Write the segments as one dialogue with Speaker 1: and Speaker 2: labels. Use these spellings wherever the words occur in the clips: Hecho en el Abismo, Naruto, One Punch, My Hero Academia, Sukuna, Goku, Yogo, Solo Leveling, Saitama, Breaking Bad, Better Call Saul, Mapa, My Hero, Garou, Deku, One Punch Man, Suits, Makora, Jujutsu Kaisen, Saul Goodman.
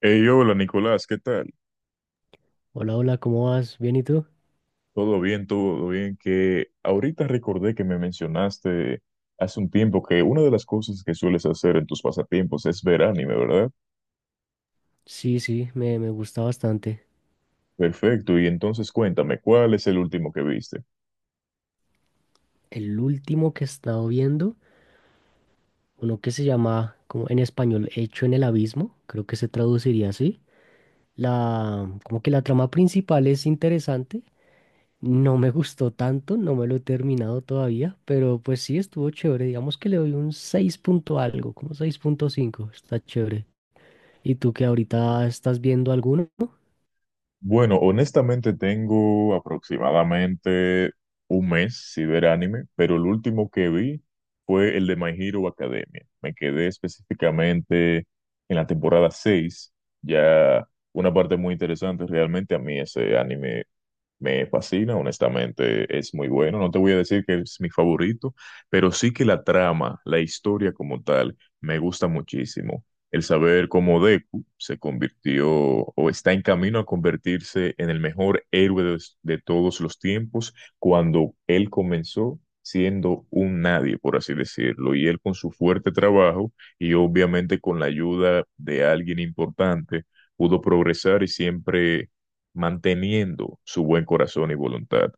Speaker 1: Hey, hola Nicolás, ¿qué tal?
Speaker 2: Hola, hola, ¿cómo vas? ¿Bien y tú?
Speaker 1: ¿Todo bien? ¿Todo bien? Que ahorita recordé que me mencionaste hace un tiempo que una de las cosas que sueles hacer en tus pasatiempos es ver anime, ¿verdad?
Speaker 2: Sí, sí, me gusta bastante.
Speaker 1: Perfecto, y entonces cuéntame, ¿cuál es el último que viste?
Speaker 2: El último que he estado viendo, uno que se llama, como en español, Hecho en el Abismo, creo que se traduciría así. Como que la trama principal es interesante. No me gustó tanto, no me lo he terminado todavía, pero pues sí estuvo chévere. Digamos que le doy un 6 punto algo, como 6,5 está chévere. ¿Y tú que ahorita estás viendo alguno?
Speaker 1: Bueno, honestamente tengo aproximadamente un mes sin ver anime, pero el último que vi fue el de My Hero Academia. Me quedé específicamente en la temporada 6, ya una parte muy interesante. Realmente a mí ese anime me fascina, honestamente, es muy bueno. No te voy a decir que es mi favorito, pero sí que la trama, la historia como tal, me gusta muchísimo. El saber cómo Deku se convirtió o está en camino a convertirse en el mejor héroe de todos los tiempos cuando él comenzó siendo un nadie, por así decirlo, y él con su fuerte trabajo y obviamente con la ayuda de alguien importante pudo progresar y siempre manteniendo su buen corazón y voluntad.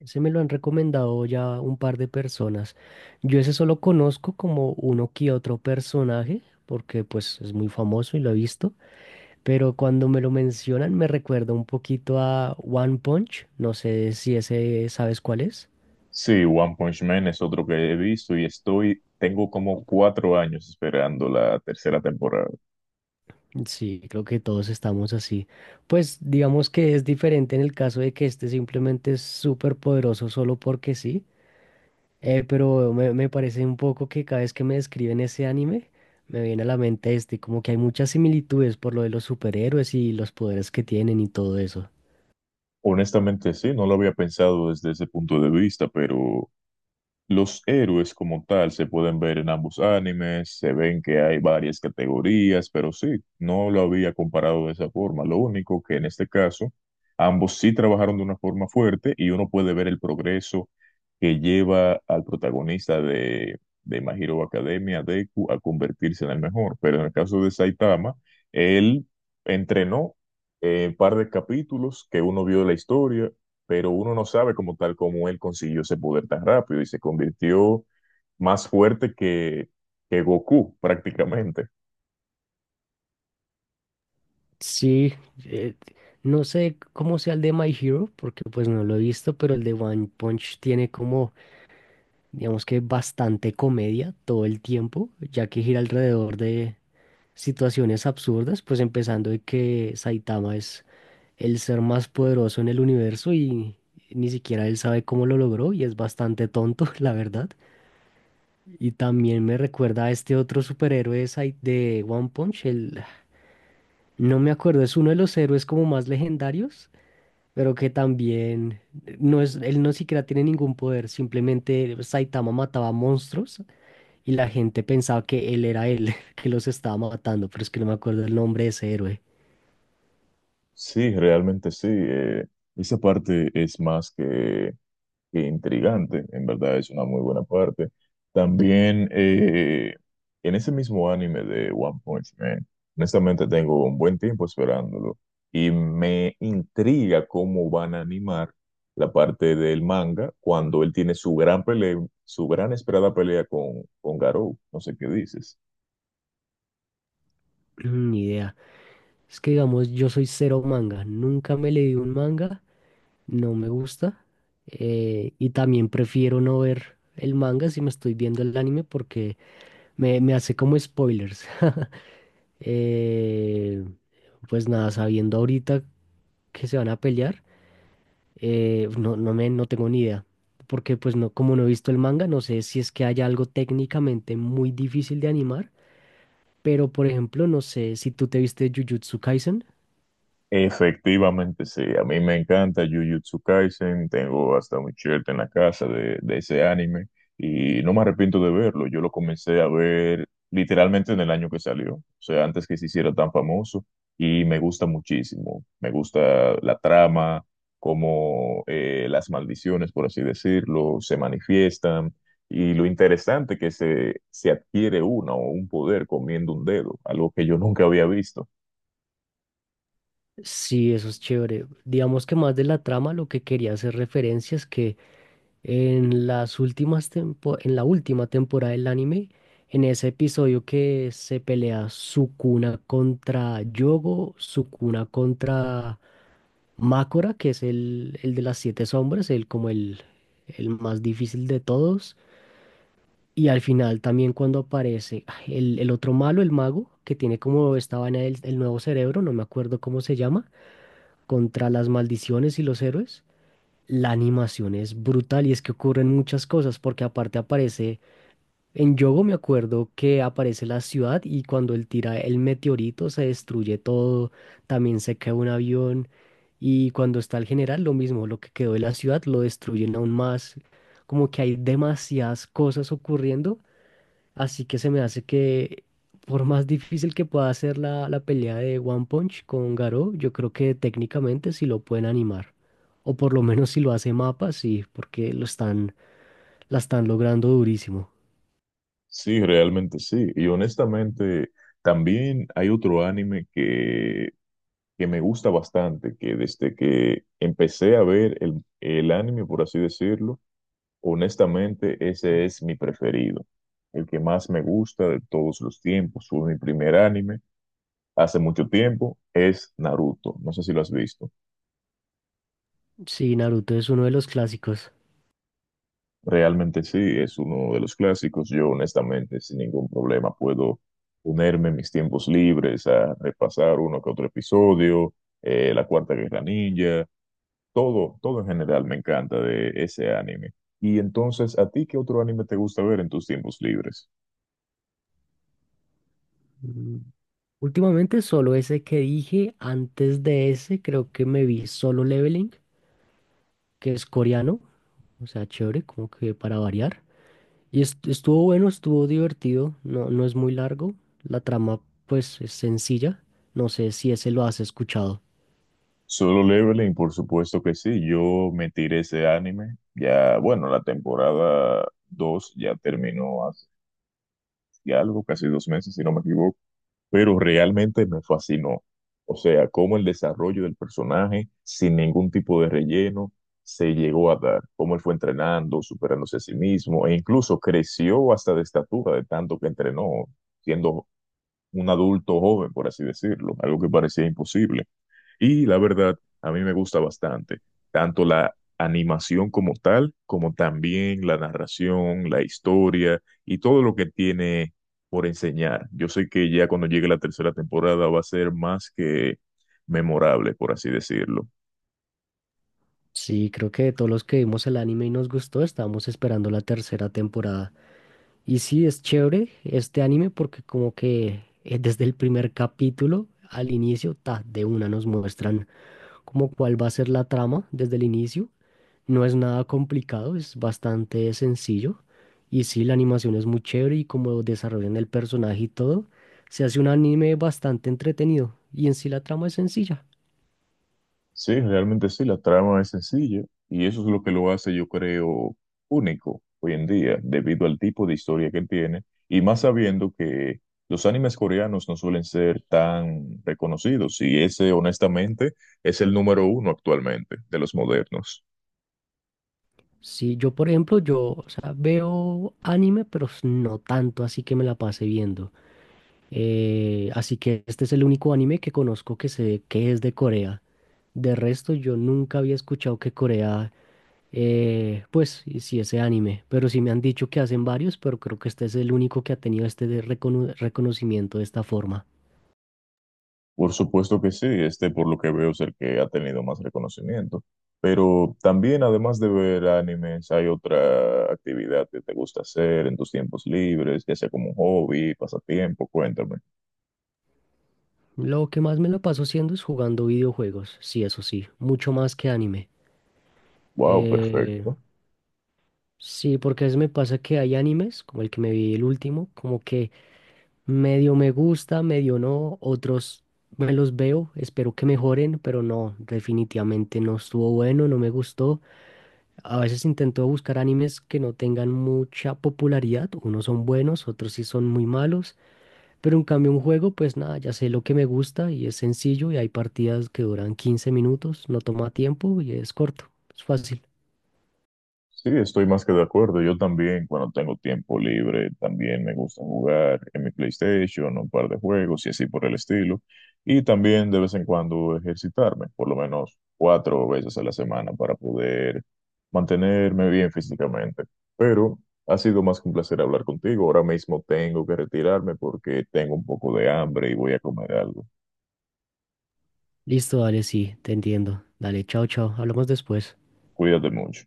Speaker 2: Ese me lo han recomendado ya un par de personas. Yo ese solo conozco como uno que otro personaje, porque pues es muy famoso y lo he visto, pero cuando me lo mencionan me recuerda un poquito a One Punch. No sé si ese sabes cuál es.
Speaker 1: Sí, One Punch Man es otro que he visto y estoy, tengo como 4 años esperando la tercera temporada.
Speaker 2: Sí, creo que todos estamos así. Pues digamos que es diferente en el caso de que este simplemente es súper poderoso solo porque sí. Pero me parece un poco que cada vez que me describen ese anime, me viene a la mente este, como que hay muchas similitudes por lo de los superhéroes y los poderes que tienen y todo eso.
Speaker 1: Honestamente, sí, no lo había pensado desde ese punto de vista, pero los héroes como tal se pueden ver en ambos animes, se ven que hay varias categorías, pero sí, no lo había comparado de esa forma. Lo único que en este caso, ambos sí trabajaron de una forma fuerte y uno puede ver el progreso que lleva al protagonista de My Hero Academia, Deku, a convertirse en el mejor. Pero en el caso de Saitama, él entrenó un par de capítulos que uno vio la historia, pero uno no sabe como tal cómo él consiguió ese poder tan rápido y se convirtió más fuerte que Goku prácticamente.
Speaker 2: Sí, eh, no sé cómo sea el de My Hero, porque pues no lo he visto, pero el de One Punch tiene como, digamos que bastante comedia todo el tiempo, ya que gira alrededor de situaciones absurdas, pues empezando de que Saitama es el ser más poderoso en el universo y ni siquiera él sabe cómo lo logró y es bastante tonto, la verdad. Y también me recuerda a este otro superhéroe de de One Punch, el, no me acuerdo, es uno de los héroes como más legendarios, pero que también no es, él no siquiera tiene ningún poder, simplemente Saitama mataba monstruos y la gente pensaba que él era él, que los estaba matando, pero es que no me acuerdo el nombre de ese héroe.
Speaker 1: Sí, realmente sí. Esa parte es más que intrigante, en verdad es una muy buena parte. También, en ese mismo anime de One Punch Man, honestamente tengo un buen tiempo esperándolo y me intriga cómo van a animar la parte del manga cuando él tiene su gran pelea, su gran esperada pelea con Garou. No sé qué dices.
Speaker 2: Mm. Ni idea. Es que digamos, yo soy cero manga. Nunca me leí un manga, no me gusta. Y también prefiero no ver el manga si me estoy viendo el anime porque me hace como spoilers. Eh, pues nada, sabiendo ahorita que se van a pelear, no, no me, no tengo ni idea. Porque pues no, como no he visto el manga, no sé si es que haya algo técnicamente muy difícil de animar. Pero por ejemplo, no sé si tú te viste Jujutsu Kaisen.
Speaker 1: Efectivamente, sí. A mí me encanta Jujutsu Kaisen. Tengo hasta un shirt en la casa de ese anime y no me arrepiento de verlo. Yo lo comencé a ver literalmente en el año que salió, o sea, antes que se hiciera tan famoso y me gusta muchísimo. Me gusta la trama, cómo las maldiciones, por así decirlo, se manifiestan y lo interesante que se adquiere una o un poder comiendo un dedo, algo que yo nunca había visto.
Speaker 2: Sí, eso es chévere. Digamos que más de la trama, lo que quería hacer referencia es que en en la última temporada del anime, en ese episodio que se pelea Sukuna contra Yogo, Sukuna contra Makora, que es el de las siete sombras, el como el más difícil de todos. Y al final también cuando aparece ay, el otro malo, el mago, que tiene como esta vaina del el nuevo cerebro, no me acuerdo cómo se llama, contra las maldiciones y los héroes. La animación es brutal y es que ocurren muchas cosas porque aparte aparece, en Yogo me acuerdo que aparece la ciudad y cuando él tira el meteorito se destruye todo, también se cae un avión, y cuando está el general lo mismo, lo que quedó de la ciudad lo destruyen aún más, como que hay demasiadas cosas ocurriendo. Así que se me hace que, por más difícil que pueda ser la pelea de One Punch con Garou, yo creo que técnicamente sí lo pueden animar. O por lo menos si lo hace Mapa, sí, porque lo están, la están logrando durísimo.
Speaker 1: Sí, realmente sí. Y honestamente, también hay otro anime que me gusta bastante, que desde que empecé a ver el anime, por así decirlo, honestamente ese es mi preferido, el que más me gusta de todos los tiempos, fue mi primer anime hace mucho tiempo, es Naruto. No sé si lo has visto.
Speaker 2: Sí, Naruto es uno de los clásicos.
Speaker 1: Realmente sí, es uno de los clásicos. Yo honestamente sin ningún problema puedo ponerme en mis tiempos libres a repasar uno que otro episodio, la Cuarta Guerra Ninja, todo, todo en general me encanta de ese anime. Y entonces, ¿a ti qué otro anime te gusta ver en tus tiempos libres?
Speaker 2: Mm, últimamente solo ese que dije, antes de ese creo que me vi Solo Leveling, que es coreano, o sea, chévere, como que para variar. Y estuvo bueno, estuvo divertido, no, no es muy largo, la trama pues es sencilla, no sé si ese lo has escuchado.
Speaker 1: Solo Leveling, por supuesto que sí. Yo me tiré ese anime. Ya, bueno, la temporada 2 ya terminó hace algo, casi 2 meses, si no me equivoco, pero realmente me fascinó. O sea, cómo el desarrollo del personaje, sin ningún tipo de relleno, se llegó a dar, cómo él fue entrenando, superándose a sí mismo, e incluso creció hasta de estatura de tanto que entrenó, siendo un adulto joven, por así decirlo, algo que parecía imposible. Y la verdad, a mí me gusta bastante, tanto la animación como tal, como también la narración, la historia y todo lo que tiene por enseñar. Yo sé que ya cuando llegue la tercera temporada va a ser más que memorable, por así decirlo.
Speaker 2: Sí, creo que de todos los que vimos el anime y nos gustó, estábamos esperando la tercera temporada. Y sí, es chévere este anime porque como que desde el primer capítulo al inicio, ta, de una nos muestran como cuál va a ser la trama desde el inicio. No es nada complicado, es bastante sencillo. Y sí, la animación es muy chévere y como desarrollan el personaje y todo, se hace un anime bastante entretenido. Y en sí la trama es sencilla.
Speaker 1: Sí, realmente sí, la trama es sencilla y eso es lo que lo hace, yo creo, único hoy en día, debido al tipo de historia que tiene y más sabiendo que los animes coreanos no suelen ser tan reconocidos y ese honestamente es el número uno actualmente de los modernos.
Speaker 2: Sí, yo por ejemplo, yo, o sea, veo anime, pero no tanto así que me la pase viendo. Así que este es el único anime que conozco que sé que es de Corea. De resto, yo nunca había escuchado que Corea. Pues y sí, ese anime, pero sí me han dicho que hacen varios, pero creo que este es el único que ha tenido este de reconocimiento de esta forma.
Speaker 1: Por supuesto que sí, este por lo que veo es el que ha tenido más reconocimiento, pero también además de ver animes hay otra actividad que te gusta hacer en tus tiempos libres, ya sea como un hobby, pasatiempo, cuéntame.
Speaker 2: Lo que más me lo paso haciendo es jugando videojuegos, sí, eso sí, mucho más que anime.
Speaker 1: Wow,
Speaker 2: Eh,
Speaker 1: perfecto.
Speaker 2: sí, porque a veces me pasa que hay animes, como el que me vi el último, como que medio me gusta, medio no, otros me los veo, espero que mejoren, pero no, definitivamente no estuvo bueno, no me gustó. A veces intento buscar animes que no tengan mucha popularidad. Unos son buenos, otros sí son muy malos. Pero en cambio un juego, pues nada, ya sé lo que me gusta y es sencillo y hay partidas que duran 15 minutos, no toma tiempo y es corto, es fácil.
Speaker 1: Sí, estoy más que de acuerdo. Yo también, cuando tengo tiempo libre, también me gusta jugar en mi PlayStation, un par de juegos y así por el estilo. Y también de vez en cuando ejercitarme, por lo menos 4 veces a la semana para poder mantenerme bien físicamente. Pero ha sido más que un placer hablar contigo. Ahora mismo tengo que retirarme porque tengo un poco de hambre y voy a comer algo.
Speaker 2: Listo, dale, sí, te entiendo. Dale, chao, chao, hablamos después.
Speaker 1: Cuídate mucho.